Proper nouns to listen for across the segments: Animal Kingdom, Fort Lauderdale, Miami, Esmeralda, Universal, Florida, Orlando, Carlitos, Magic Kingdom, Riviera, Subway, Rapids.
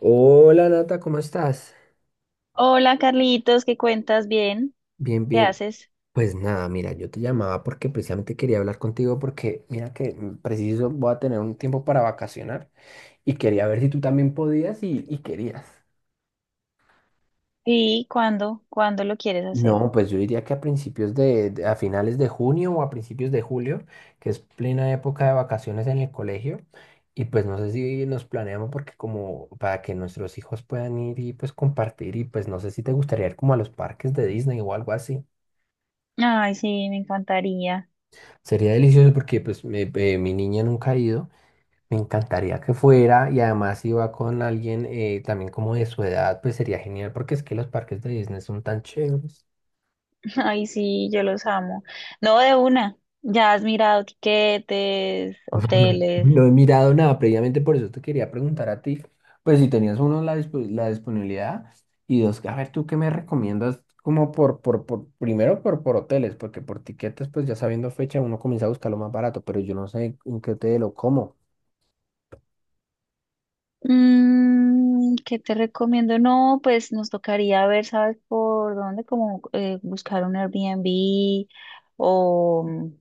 Hola Nata, ¿cómo estás? Hola Carlitos, ¿qué cuentas? ¿Bien? Bien, ¿Qué bien. haces? Pues nada, mira, yo te llamaba porque precisamente quería hablar contigo porque mira que preciso voy a tener un tiempo para vacacionar y quería ver si tú también podías y querías. ¿Y cuándo? ¿Cuándo lo quieres hacer? No, pues yo diría que a principios a finales de junio o a principios de julio, que es plena época de vacaciones en el colegio. Y pues no sé si nos planeamos porque como para que nuestros hijos puedan ir y pues compartir y pues no sé si te gustaría ir como a los parques de Disney o algo así. Ay, sí, me encantaría. Sería delicioso porque pues mi niña nunca ha ido, me encantaría que fuera y además si va con alguien también como de su edad, pues sería genial porque es que los parques de Disney son tan chéveres. Ay, sí, yo los amo. No, de una. ¿Ya has mirado tiquetes, No, no, hoteles? no he mirado nada previamente, por eso te quería preguntar a ti, pues si tenías uno la disponibilidad y dos, a ver, ¿tú qué me recomiendas? Como primero por hoteles, porque por tiquetes, pues ya sabiendo fecha uno comienza a buscar lo más barato, pero yo no sé en qué hotel o cómo. ¿Qué te recomiendo? No, pues nos tocaría ver, ¿sabes por dónde? Como buscar un Airbnb o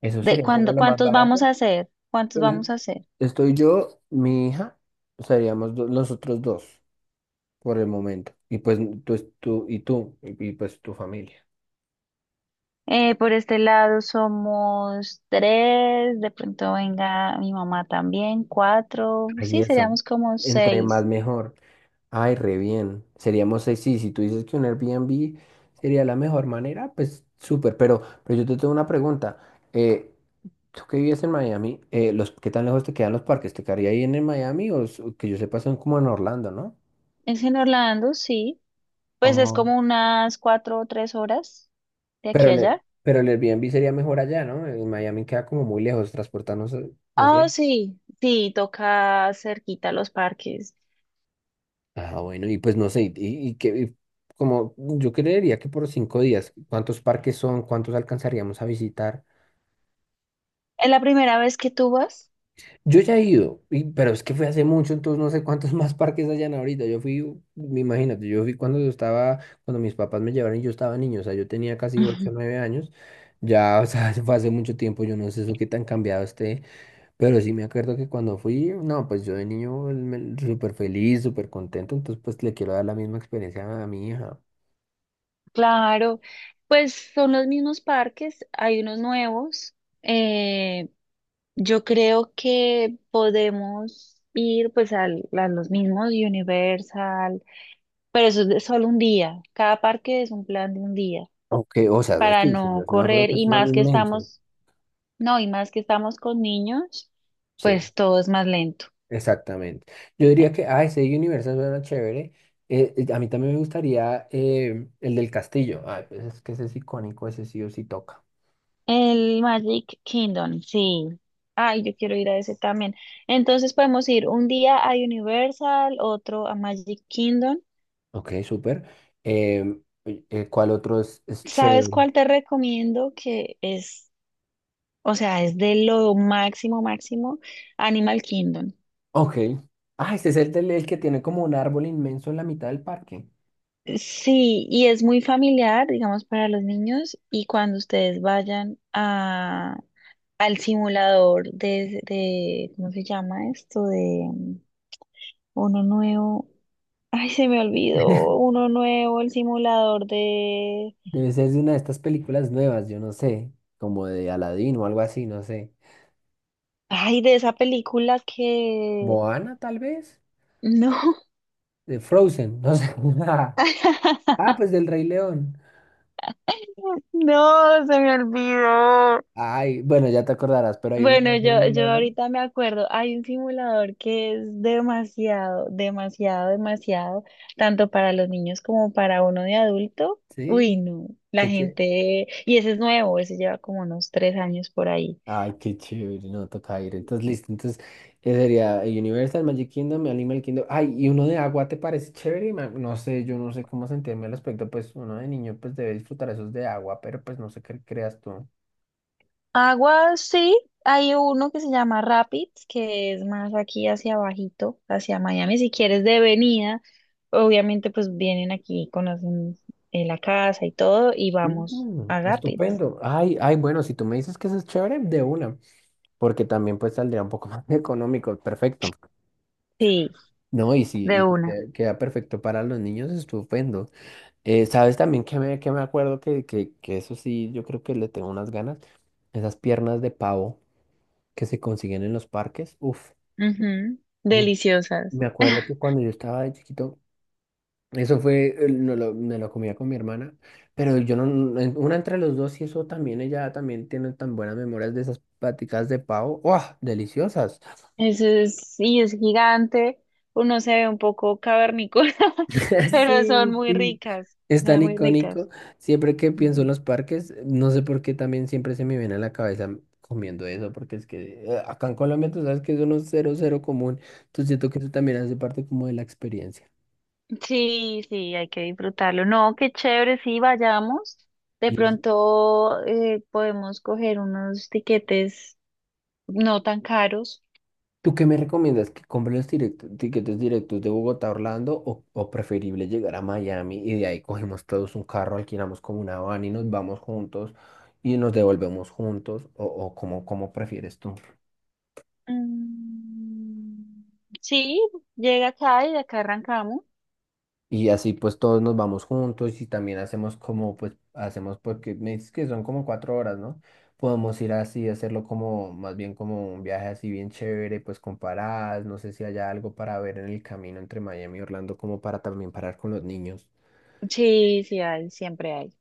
Eso de sería como cuándo, lo más ¿cuántos vamos barato. a hacer? ¿Cuántos Pues, vamos a hacer? estoy yo, mi hija, seríamos los otros dos por el momento. Y pues tú, tú y tú, pues tu familia. Por este lado somos tres, de pronto venga mi mamá también, cuatro, Ay, sí, eso. seríamos como Entre más seis. mejor. Ay, re bien. Seríamos seis. Sí, si tú dices que un Airbnb sería la mejor manera, pues súper. Pero yo te tengo una pregunta. Eh, tú que vives en Miami, ¿qué tan lejos te quedan los parques? ¿Te quedaría ahí en Miami o que yo sepa son como en Orlando, Es en Orlando, sí, pues es ¿no? como unas 4 o 3 horas de aquí Pero, a le, allá. pero el Airbnb sería mejor allá, ¿no? En Miami queda como muy lejos, transportarnos, no Ah, sé. sí, sí, toca cerquita los parques. Ah, bueno, y pues no sé, y como yo creería que por cinco días, ¿cuántos parques son? ¿Cuántos alcanzaríamos a visitar? ¿Es la primera vez que tú vas? Yo ya he ido, pero es que fue hace mucho, entonces no sé cuántos más parques hayan ahorita. Yo fui, me imagínate, yo fui cuando yo estaba, cuando mis papás me llevaron y yo estaba niño, o sea, yo tenía casi ocho Ujú. o 9 años. Ya, o sea, fue hace mucho tiempo, yo no sé eso qué tan cambiado esté. Pero sí me acuerdo que cuando fui, no, pues yo de niño súper feliz, súper contento, entonces pues le quiero dar la misma experiencia a mi hija. Claro, pues son los mismos parques, hay unos nuevos. Yo creo que podemos ir pues a los mismos Universal, pero eso es de solo un día. Cada parque es un plan de un día Aunque, o sea, para sí, sí, yo no sí me acuerdo correr que y estos son más que inmensos. estamos, no, y más que estamos con niños, Sí, pues todo es más lento. exactamente. Yo diría que, ah, ese universo suena chévere. A mí también me gustaría el del castillo. Ah, pues es que ese es icónico, ese sí o sí toca. El Magic Kingdom, sí. Ay, yo quiero ir a ese también. Entonces podemos ir un día a Universal, otro a Magic Kingdom. Ok, súper. ¿Cuál otro es ¿Sabes chévere? cuál te recomiendo? Que es, o sea, es de lo máximo, máximo. Animal Kingdom. Ok. Ah, ese es el que tiene como un árbol inmenso en la mitad del parque. Sí, y es muy familiar, digamos, para los niños. Y cuando ustedes vayan a, al simulador de, ¿cómo se llama esto? De uno nuevo. Ay, se me olvidó. Uno nuevo, el simulador de. Debe ser de una de estas películas nuevas, yo no sé, como de Aladdin o algo así, no sé. Ay, de esa película que. Moana, tal vez, No. de Frozen, no sé. Ah, pues del Rey León. No, se me olvidó. Ay, bueno, ya te acordarás, pero hay un Bueno, nuevo yo, segundo yo lugar, ahorita me acuerdo, hay un simulador que es demasiado, demasiado, demasiado, tanto para los niños como para uno de adulto. ¿sí? Uy, no, la Qué chévere. gente, y ese es nuevo, ese lleva como unos 3 años por ahí. Ay, qué chévere, no toca ir. Entonces, listo. Entonces, sería Universal, Magic Kingdom, Animal Kingdom. Ay, y uno de agua, ¿te parece chévere? No sé, yo no sé cómo sentirme al respecto. Pues uno de niño, pues debe disfrutar esos de agua, pero pues no sé qué creas tú. Agua, sí. Hay uno que se llama Rapids, que es más aquí hacia abajito, hacia Miami. Si quieres de venida, obviamente pues vienen aquí, conocen la casa y todo, y vamos Mm, a Rapids. estupendo. Ay, ay, bueno, si tú me dices que eso es chévere, de una, porque también pues saldría un poco más económico, perfecto. Sí, No, y si, de y si una. queda perfecto para los niños, estupendo. ¿Sabes también que que me acuerdo que eso sí, yo creo que le tengo unas ganas? Esas piernas de pavo que se consiguen en los parques. Uf, Ujú. no. Deliciosas. Me acuerdo que cuando yo estaba de chiquito, eso fue, no lo, me lo comía con mi hermana, pero yo no, una entre los dos y eso también, ella también tiene tan buenas memorias de esas pláticas de pavo, ¡guau! Deliciosas. Eso es, y es gigante. Uno se ve un poco cavernícola, pero son Sí, muy sí. ricas. Es Son tan muy icónico, ricas. siempre que pienso en los parques, no sé por qué también siempre se me viene a la cabeza comiendo eso, porque es que acá en Colombia tú sabes que eso no es cero, cero común, entonces siento que eso también hace parte como de la experiencia. Sí, sí, hay que disfrutarlo. No, qué chévere, sí, vayamos. De pronto podemos coger unos tiquetes no tan caros. ¿Tú qué me recomiendas? ¿Que compre los tiquetes directos de Bogotá a Orlando o preferible llegar a Miami y de ahí cogemos todos un carro, alquilamos como una van y nos vamos juntos y nos devolvemos juntos o cómo prefieres tú? Mm, sí, llega acá y de acá arrancamos. Y así pues todos nos vamos juntos y también hacemos como pues hacemos porque me dices que son como cuatro horas, ¿no? Podemos ir así, hacerlo como más bien como un viaje así bien chévere, pues con paradas, no sé si haya algo para ver en el camino entre Miami y Orlando como para también parar con los niños. Sí, sí hay, siempre hay.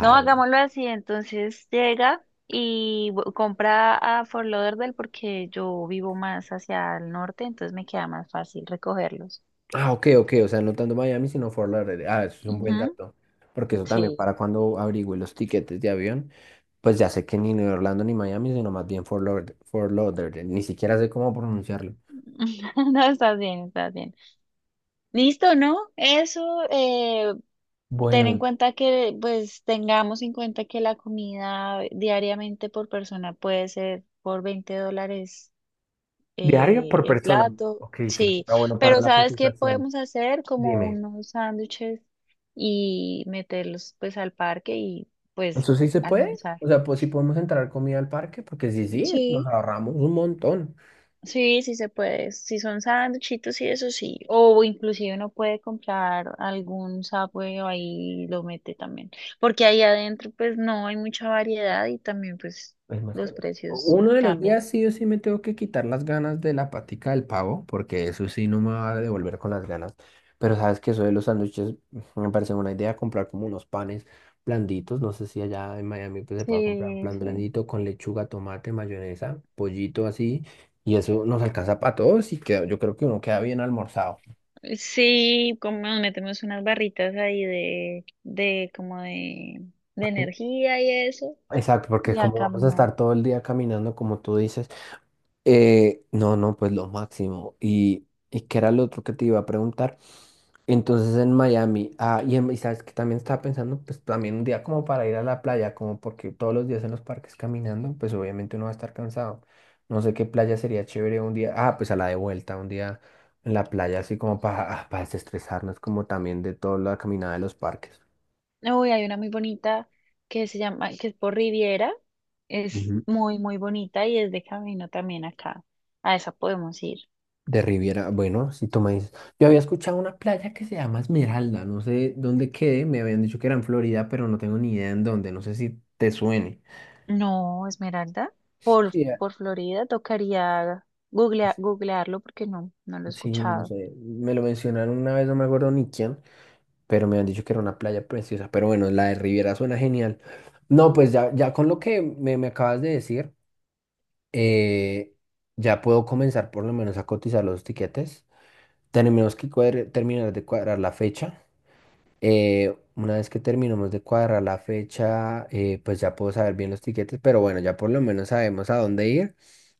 No, bueno. hagámoslo así, entonces llega y compra a Fort Lauderdale porque yo vivo más hacia el norte, entonces me queda más fácil recogerlos. Ah, ok, ok, o sea, no tanto Miami, sino Fort Lauderdale. Ah, eso es un buen Ujú. dato, porque eso también Sí. para cuando averigüe los tiquetes de avión, pues ya sé que ni Nueva Orlando ni Miami, sino más bien Fort Lauderdale, Fort Lauderdale. Ni siquiera sé cómo pronunciarlo. No, estás bien, estás bien. Listo, ¿no? Eso, ten en Bueno, cuenta que, pues, tengamos en cuenta que la comida diariamente por persona puede ser por $20 diario por el persona. plato. Ok, eso Sí, está bueno para pero la ¿sabes qué cotización. podemos hacer? Como Dime. unos sándwiches y meterlos, pues, al parque y, pues, ¿Eso sí se puede? almorzar. O sea, pues si podemos entrar comida al parque, porque sí, sí, nos Sí. ahorramos un montón. Sí, sí se puede. Si son sándwichitos y eso sí. O inclusive uno puede comprar algún Subway o ahí lo mete también. Porque ahí adentro pues no hay mucha variedad y también pues Es más los calor. precios Uno de los cambian. días sí o sí me tengo que quitar las ganas de la patica del pavo, porque eso sí no me va a devolver con las ganas. Pero sabes que eso de los sándwiches me parece una idea comprar como unos panes blanditos. No sé si allá en Miami pues, se puede comprar un Sí, plan sí. blandito con lechuga, tomate, mayonesa, pollito así. Y eso nos alcanza para todos y yo creo que uno queda bien almorzado. Sí, como nos metemos unas barritas ahí de como de energía y eso. Exacto, porque Y a como vamos a caminar. estar todo el día caminando, como tú dices. No, no, pues lo máximo. ¿Y qué era lo otro que te iba a preguntar? Entonces en Miami, ah, y sabes que también estaba pensando, pues también un día como para ir a la playa, como porque todos los días en los parques caminando, pues obviamente uno va a estar cansado. No sé qué playa sería chévere un día, ah, pues a la de vuelta, un día en la playa, así como para, ah, para desestresarnos, como también de toda la caminada de los parques. Uy, hay una muy bonita que se llama, que es por Riviera. Es muy, muy bonita y es de camino también acá. A esa podemos ir. De Riviera, bueno, si tú me dices, yo había escuchado una playa que se llama Esmeralda, no sé dónde quede, me habían dicho que era en Florida, pero no tengo ni idea en dónde, no sé si te suene. No, Esmeralda. Sí, Por Florida tocaría googlearlo porque no, no lo he sí, no escuchado. sé, me lo mencionaron una vez, no me acuerdo ni quién, pero me han dicho que era una playa preciosa, pero bueno, la de Riviera suena genial. No, pues ya, ya con lo que me acabas de decir, eh, ya puedo comenzar por lo menos a cotizar los tiquetes. Tenemos que terminar de cuadrar la fecha. Una vez que terminemos de cuadrar la fecha, pues ya puedo saber bien los tiquetes, pero bueno, ya por lo menos sabemos a dónde ir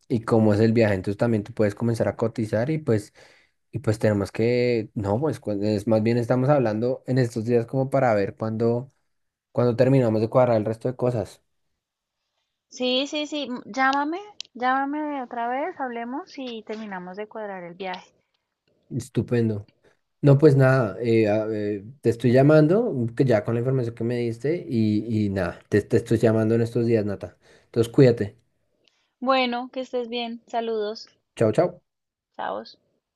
y cómo es el viaje. Entonces también tú puedes comenzar a cotizar y pues tenemos que, no, pues es más bien estamos hablando en estos días como para ver cuándo terminamos de cuadrar el resto de cosas. Sí, sí, sí. Llámame, llámame otra vez, hablemos y terminamos de cuadrar el viaje. Estupendo. No, pues nada, te estoy llamando, que ya con la información que me diste y nada, te estoy llamando en estos días, Nata. Entonces cuídate. Bueno, que estés bien. Saludos. Chao, chao. Chao.